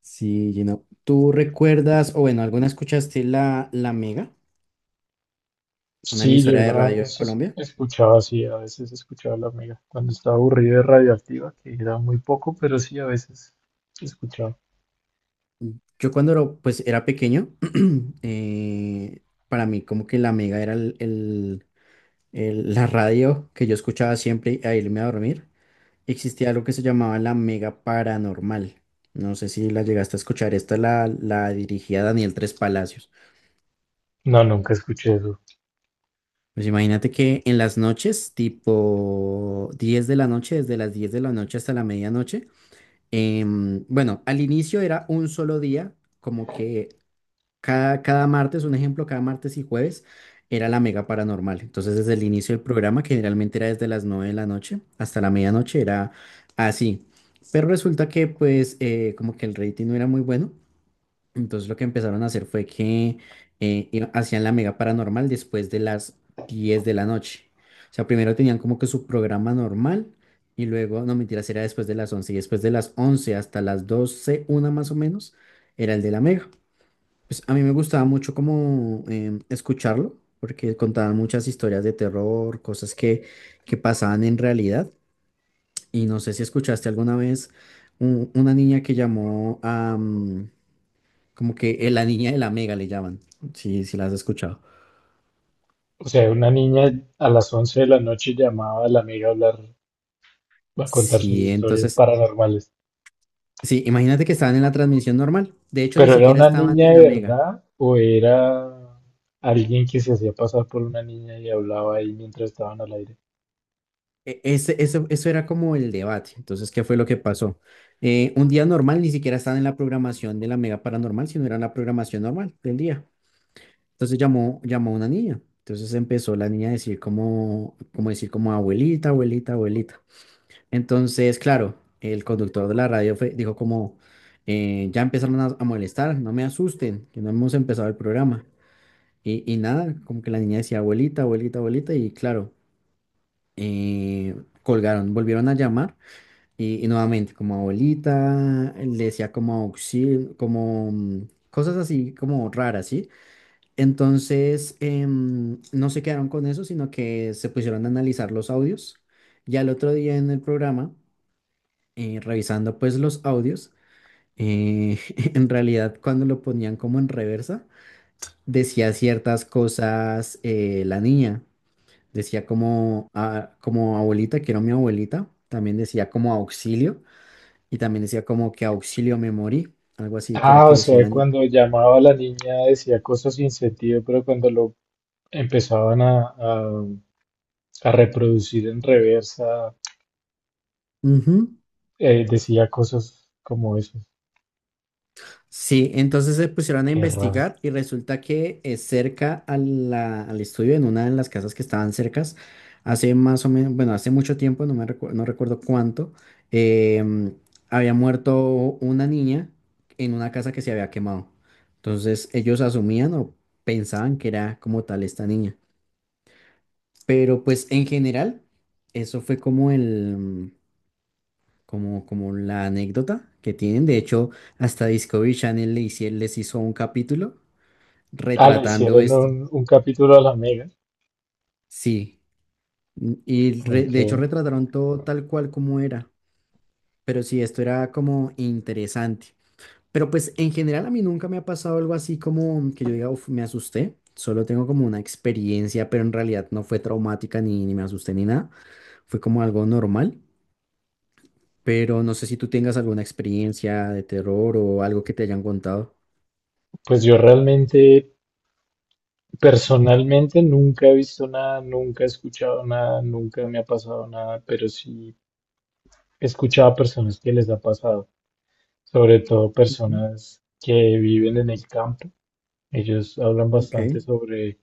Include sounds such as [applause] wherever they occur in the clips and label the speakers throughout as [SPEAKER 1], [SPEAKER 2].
[SPEAKER 1] Sí, Gino. ¿Tú recuerdas, o bueno, alguna escuchaste la Mega, una
[SPEAKER 2] Sí, yo
[SPEAKER 1] emisora de
[SPEAKER 2] alguna
[SPEAKER 1] radio en
[SPEAKER 2] vez
[SPEAKER 1] Colombia?
[SPEAKER 2] escuchaba así, a veces escuchaba a la amiga cuando estaba aburrida de Radioactiva, que era muy poco, pero sí a veces escuchaba.
[SPEAKER 1] Yo cuando pues, era pequeño, [clears throat] eh, para mí como que la Mega era la radio que yo escuchaba siempre a irme a dormir. Existía algo que se llamaba la Mega Paranormal. No sé si la llegaste a escuchar. Esta la dirigía Daniel Tres Palacios.
[SPEAKER 2] No, nunca escuché eso.
[SPEAKER 1] Pues imagínate que en las noches, tipo 10 de la noche, desde las 10 de la noche hasta la medianoche. Bueno, al inicio era un solo día, como que cada martes, un ejemplo, cada martes y jueves era la mega paranormal. Entonces, desde el inicio del programa, que generalmente era desde las 9 de la noche hasta la medianoche, era así. Pero resulta que, pues, como que el rating no era muy bueno. Entonces lo que empezaron a hacer fue que hacían la mega paranormal después de las 10 de la noche. O sea, primero tenían como que su programa normal y luego, no mentiras, era después de las 11 y después de las 11 hasta las 12 una más o menos, era el de la mega. Pues a mí me gustaba mucho como escucharlo porque contaban muchas historias de terror, cosas que pasaban en realidad. Y no sé si escuchaste alguna vez una niña que llamó como que la niña de la mega le llaman. Sí, sí, las has escuchado.
[SPEAKER 2] O sea, una niña a las 11 de la noche llamaba a la amiga a hablar, a contar sus
[SPEAKER 1] Sí,
[SPEAKER 2] historias
[SPEAKER 1] entonces,
[SPEAKER 2] paranormales.
[SPEAKER 1] sí, imagínate que estaban en la transmisión normal. De hecho, ni
[SPEAKER 2] ¿Pero era
[SPEAKER 1] siquiera
[SPEAKER 2] una
[SPEAKER 1] estaban
[SPEAKER 2] niña
[SPEAKER 1] en
[SPEAKER 2] de
[SPEAKER 1] la mega.
[SPEAKER 2] verdad o era alguien que se hacía pasar por una niña y hablaba ahí mientras estaban al aire?
[SPEAKER 1] Eso era como el debate. Entonces, ¿qué fue lo que pasó? Un día normal ni siquiera estaban en la programación de la mega paranormal, sino era en la programación normal del día. Entonces llamó una niña. Entonces empezó la niña a decir como decir como abuelita, abuelita, abuelita. Entonces, claro, el conductor de la radio dijo como, ya empezaron a molestar, no me asusten, que no hemos empezado el programa. Y nada, como que la niña decía, abuelita, abuelita, abuelita, y claro, eh, colgaron, volvieron a llamar y nuevamente como abuelita, le decía como auxilio, como cosas así como raras, ¿sí? Entonces, no se quedaron con eso, sino que se pusieron a analizar los audios y al otro día en el programa revisando pues los audios, eh, [laughs] en realidad cuando lo ponían como en reversa, decía ciertas cosas la niña, decía como, ah, como abuelita, quiero a mi abuelita, también decía como auxilio y también decía como que auxilio me morí, algo así que era
[SPEAKER 2] Ah,
[SPEAKER 1] que
[SPEAKER 2] o
[SPEAKER 1] decía
[SPEAKER 2] sea,
[SPEAKER 1] la niña.
[SPEAKER 2] cuando llamaba a la niña decía cosas sin sentido, pero cuando lo empezaban a reproducir en reversa,
[SPEAKER 1] Ujú.
[SPEAKER 2] decía cosas como eso.
[SPEAKER 1] Sí, entonces se pusieron a
[SPEAKER 2] Qué raro.
[SPEAKER 1] investigar y resulta que cerca a al estudio, en una de las casas que estaban cercas, hace más o menos, bueno, hace mucho tiempo, no recuerdo cuánto, em, había muerto una niña en una casa que se había quemado. Entonces ellos asumían o pensaban que era como tal esta niña. Pero pues en general, eso fue como como la anécdota que tienen. De hecho, hasta Discovery Channel les hizo un capítulo
[SPEAKER 2] Ah, le
[SPEAKER 1] retratando
[SPEAKER 2] hicieron
[SPEAKER 1] esto.
[SPEAKER 2] un capítulo a la Mega.
[SPEAKER 1] Sí, y
[SPEAKER 2] Ok.
[SPEAKER 1] de hecho retrataron todo tal cual como era, pero sí, esto era como interesante. Pero pues en general a mí nunca me ha pasado algo así como que yo diga, "Uf, me asusté", solo tengo como una experiencia, pero en realidad no fue traumática ni me asusté ni nada, fue como algo normal, pero no sé si tú tengas alguna experiencia de terror o algo que te hayan contado.
[SPEAKER 2] Pues yo realmente, personalmente, nunca he visto nada, nunca he escuchado nada, nunca me ha pasado nada, pero sí he escuchado a personas que les ha pasado, sobre todo
[SPEAKER 1] Ujú.
[SPEAKER 2] personas que viven en el campo. Ellos hablan
[SPEAKER 1] Ok,
[SPEAKER 2] bastante sobre,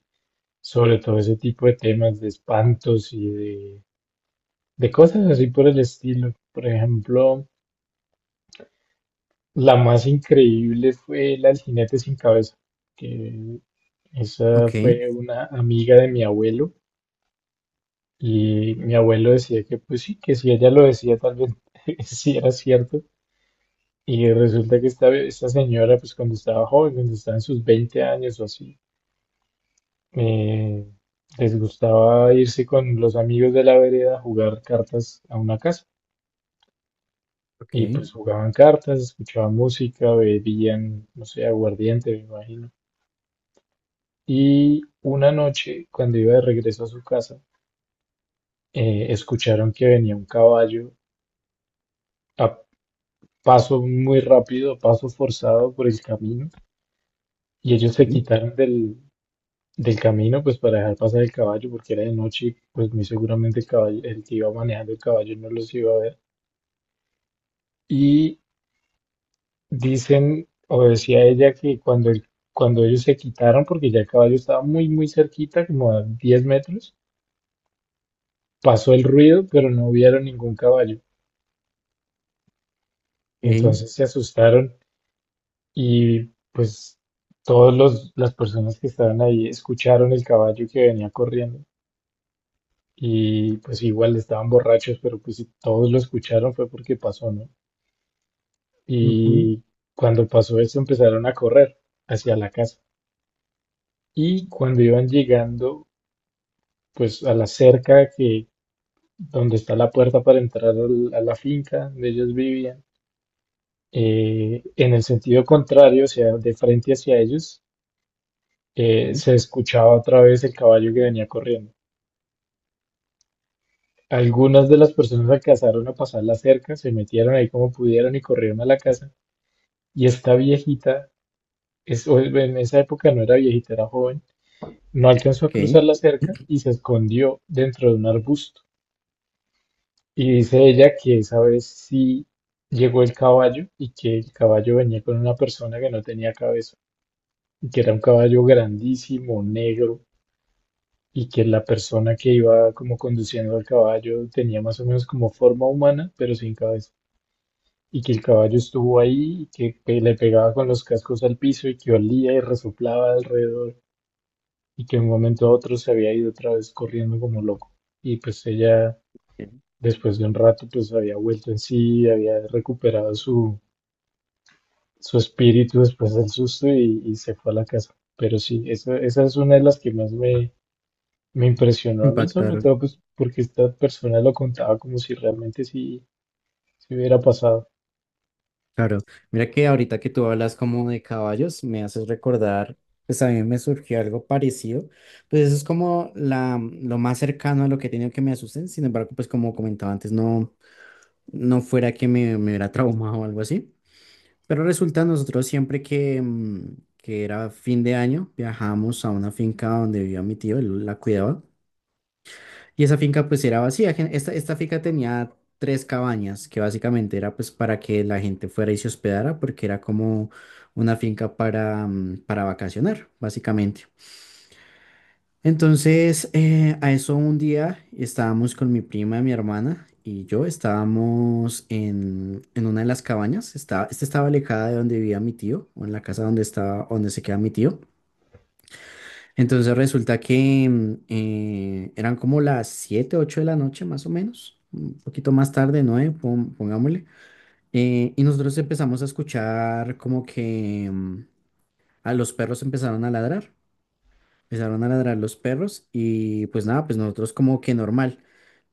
[SPEAKER 2] sobre todo ese tipo de temas de espantos y de cosas así por el estilo. Por ejemplo, la más increíble fue la del jinete sin cabeza, que esa
[SPEAKER 1] ok,
[SPEAKER 2] fue una amiga de mi abuelo, y mi abuelo decía que pues sí, que si ella lo decía tal vez [laughs] sí era cierto. Y resulta que esta señora, pues cuando estaba joven, cuando estaba en sus 20 años o así, eh, les gustaba irse con los amigos de la vereda a jugar cartas a una casa.
[SPEAKER 1] ok.
[SPEAKER 2] Y pues jugaban cartas, escuchaban música, bebían, no sé, aguardiente, me imagino. Y una noche, cuando iba de regreso a su casa, escucharon que venía un caballo a paso muy rápido, a paso forzado por el camino. Y ellos se
[SPEAKER 1] Sí.
[SPEAKER 2] quitaron del camino, pues para dejar pasar el caballo, porque era de noche, y pues muy seguramente el caballo, el que iba manejando el caballo, no los iba a ver. Y dicen, o decía ella, que cuando ellos se quitaron, porque ya el caballo estaba muy, muy cerquita, como a 10 metros, pasó el ruido, pero no vieron ningún caballo.
[SPEAKER 1] Ey.
[SPEAKER 2] Entonces se asustaron y pues todas las personas que estaban ahí escucharon el caballo que venía corriendo. Y pues igual estaban borrachos, pero pues si todos lo escucharon fue porque pasó, ¿no?
[SPEAKER 1] Ujú.
[SPEAKER 2] Y cuando pasó eso empezaron a correr hacia la casa. Y cuando iban llegando, pues a la cerca que donde está la puerta para entrar a la finca donde ellos vivían, en el sentido contrario, o sea, de frente hacia ellos,
[SPEAKER 1] Ok,
[SPEAKER 2] se escuchaba otra vez el caballo que venía corriendo. Algunas de las personas alcanzaron a pasar la cerca, se metieron ahí como pudieron y corrieron a la casa. Y esta viejita, es, o en esa época no era viejita, era joven, no alcanzó a
[SPEAKER 1] ok.
[SPEAKER 2] cruzar la cerca
[SPEAKER 1] [clears throat]
[SPEAKER 2] y se escondió dentro de un arbusto. Y dice ella que esa vez sí llegó el caballo, y que el caballo venía con una persona que no tenía cabeza y que era un caballo grandísimo, negro, y que la persona que iba como conduciendo al caballo tenía más o menos como forma humana pero sin cabeza, y que el caballo estuvo ahí y que le pegaba con los cascos al piso y que olía y resoplaba alrededor, y que de un momento a otro se había ido otra vez corriendo como loco. Y pues ella, después de un rato, pues había vuelto en sí, había recuperado su, su espíritu después del susto, y se fue a la casa. Pero sí, esa es una de las que más me, me impresionó a mí, sobre
[SPEAKER 1] Impactaron,
[SPEAKER 2] todo pues porque esta persona lo contaba como si realmente sí se hubiera pasado.
[SPEAKER 1] claro. Mira que ahorita que tú hablas como de caballos, me haces recordar, pues a mí me surgió algo parecido. Pues eso es como lo más cercano a lo que he tenido que me asusten. Sin embargo, pues como comentaba antes, no, no fuera que me hubiera traumado o algo así. Pero resulta nosotros siempre que era fin de año, viajamos a una finca donde vivía mi tío, él la cuidaba. Y esa finca pues era vacía. Esta finca tenía tres cabañas que básicamente era pues para que la gente fuera y se hospedara porque era como una finca para vacacionar, básicamente. Entonces, a eso un día estábamos con mi prima, mi hermana y yo, estábamos en una de las cabañas. Esta estaba alejada de donde vivía mi tío o en la casa donde estaba, donde se queda mi tío. Entonces resulta que eran como las 7 8 de la noche más o menos, un poquito más tarde, 9, pongámosle. Y nosotros empezamos a escuchar como que a los perros empezaron a ladrar los perros y pues nada, pues nosotros como que normal.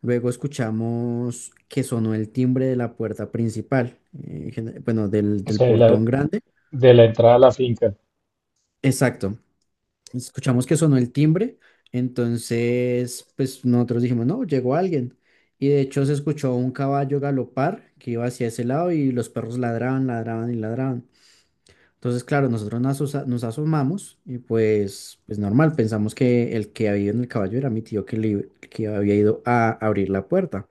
[SPEAKER 1] Luego escuchamos que sonó el timbre de la puerta principal, bueno, del,
[SPEAKER 2] O
[SPEAKER 1] del
[SPEAKER 2] sea, de
[SPEAKER 1] portón grande.
[SPEAKER 2] de la entrada a la finca,
[SPEAKER 1] Exacto. Escuchamos que sonó el timbre, entonces pues nosotros dijimos, no, llegó alguien. Y de hecho se escuchó un caballo galopar que iba hacia ese lado y los perros ladraban, ladraban y ladraban. Entonces, claro, nosotros nos asomamos y pues normal, pensamos que el que había ido en el caballo era mi tío que había ido a abrir la puerta.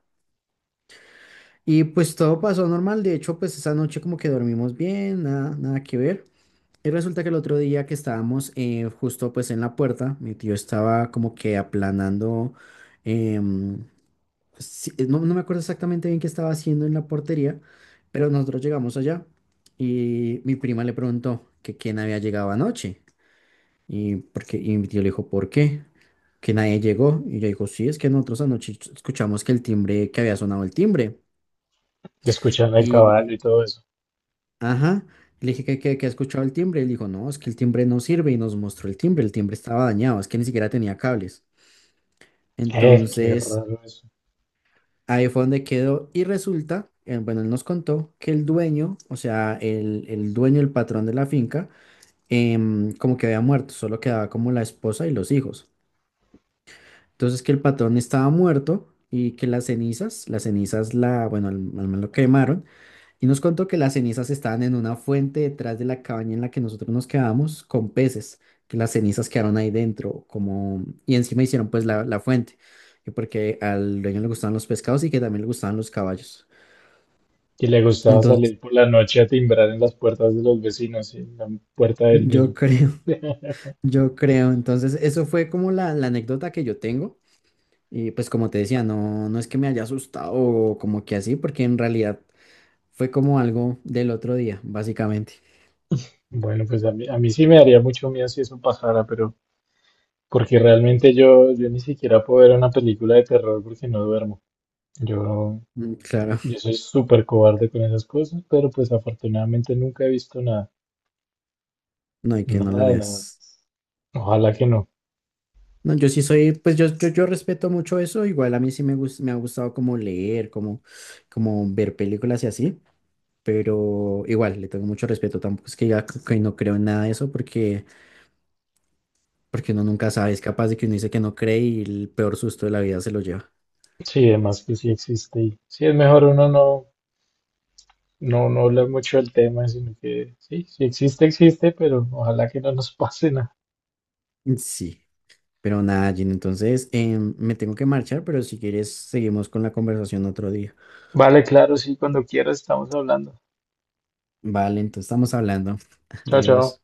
[SPEAKER 1] Y pues todo pasó normal, de hecho pues esa noche como que dormimos bien, nada, nada que ver. Y resulta que el otro día que estábamos justo pues en la puerta, mi tío estaba como que aplanando, em, pues, sí, no, no me acuerdo exactamente bien qué estaba haciendo en la portería, pero nosotros llegamos allá y mi prima le preguntó que quién había llegado anoche y mi tío le dijo, ¿por qué? Que nadie llegó y yo dijo, sí, es que nosotros anoche escuchamos que el timbre, que había sonado el timbre.
[SPEAKER 2] y escuchando el caballo y todo eso.
[SPEAKER 1] Ajá. Le dije que ha escuchado el timbre. Él dijo, no, es que el timbre no sirve y nos mostró el timbre. El timbre estaba dañado, es que ni siquiera tenía cables.
[SPEAKER 2] Qué
[SPEAKER 1] Entonces,
[SPEAKER 2] raro eso.
[SPEAKER 1] ahí fue donde quedó. Y resulta, bueno, él nos contó que el dueño, o sea, el dueño, el patrón de la finca, como que había muerto, solo quedaba como la esposa y los hijos. Entonces, que el patrón estaba muerto y que las cenizas, bueno, al man lo quemaron. Y nos contó que las cenizas estaban en una fuente detrás de la cabaña en la que nosotros nos quedábamos con peces, que las cenizas quedaron ahí dentro, como, y encima hicieron pues la fuente, y porque al dueño le gustaban los pescados y que también le gustaban los caballos.
[SPEAKER 2] Que le gustaba
[SPEAKER 1] Entonces,
[SPEAKER 2] salir por la noche a timbrar en las puertas de los vecinos, y en la puerta del
[SPEAKER 1] yo
[SPEAKER 2] mismo.
[SPEAKER 1] creo, [laughs] yo creo, entonces eso fue como la anécdota que yo tengo, y pues como te decía, no, no es que me haya asustado o como que así, porque en realidad fue como algo del otro día, básicamente.
[SPEAKER 2] Bueno, pues a mí sí me daría mucho miedo si eso pasara, pero porque realmente yo, yo ni siquiera puedo ver una película de terror porque no duermo. Yo,
[SPEAKER 1] Mm. Claro,
[SPEAKER 2] yo soy súper cobarde con esas cosas, pero pues afortunadamente nunca he visto nada,
[SPEAKER 1] no hay que no
[SPEAKER 2] nada
[SPEAKER 1] lo
[SPEAKER 2] de nada.
[SPEAKER 1] veas.
[SPEAKER 2] Ojalá que no.
[SPEAKER 1] No, yo sí soy, pues yo respeto mucho eso, igual a mí sí me ha gustado como leer, como ver películas y así, pero igual le tengo mucho respeto, tampoco es que ya que no creo en nada de eso porque uno nunca sabe, es capaz de que uno dice que no cree y el peor susto de la vida se lo lleva.
[SPEAKER 2] Sí, además que sí existe y sí es mejor uno no, no, no hablar mucho del tema, sino que sí, si existe, existe, pero ojalá que no nos pase nada.
[SPEAKER 1] Mm. Sí, pero nada, Gina, entonces me tengo que marchar, pero si quieres seguimos con la conversación otro día.
[SPEAKER 2] Vale, claro, sí, cuando quieras estamos hablando.
[SPEAKER 1] Vale, entonces estamos hablando. [laughs]
[SPEAKER 2] Chao, chao.
[SPEAKER 1] Adiós.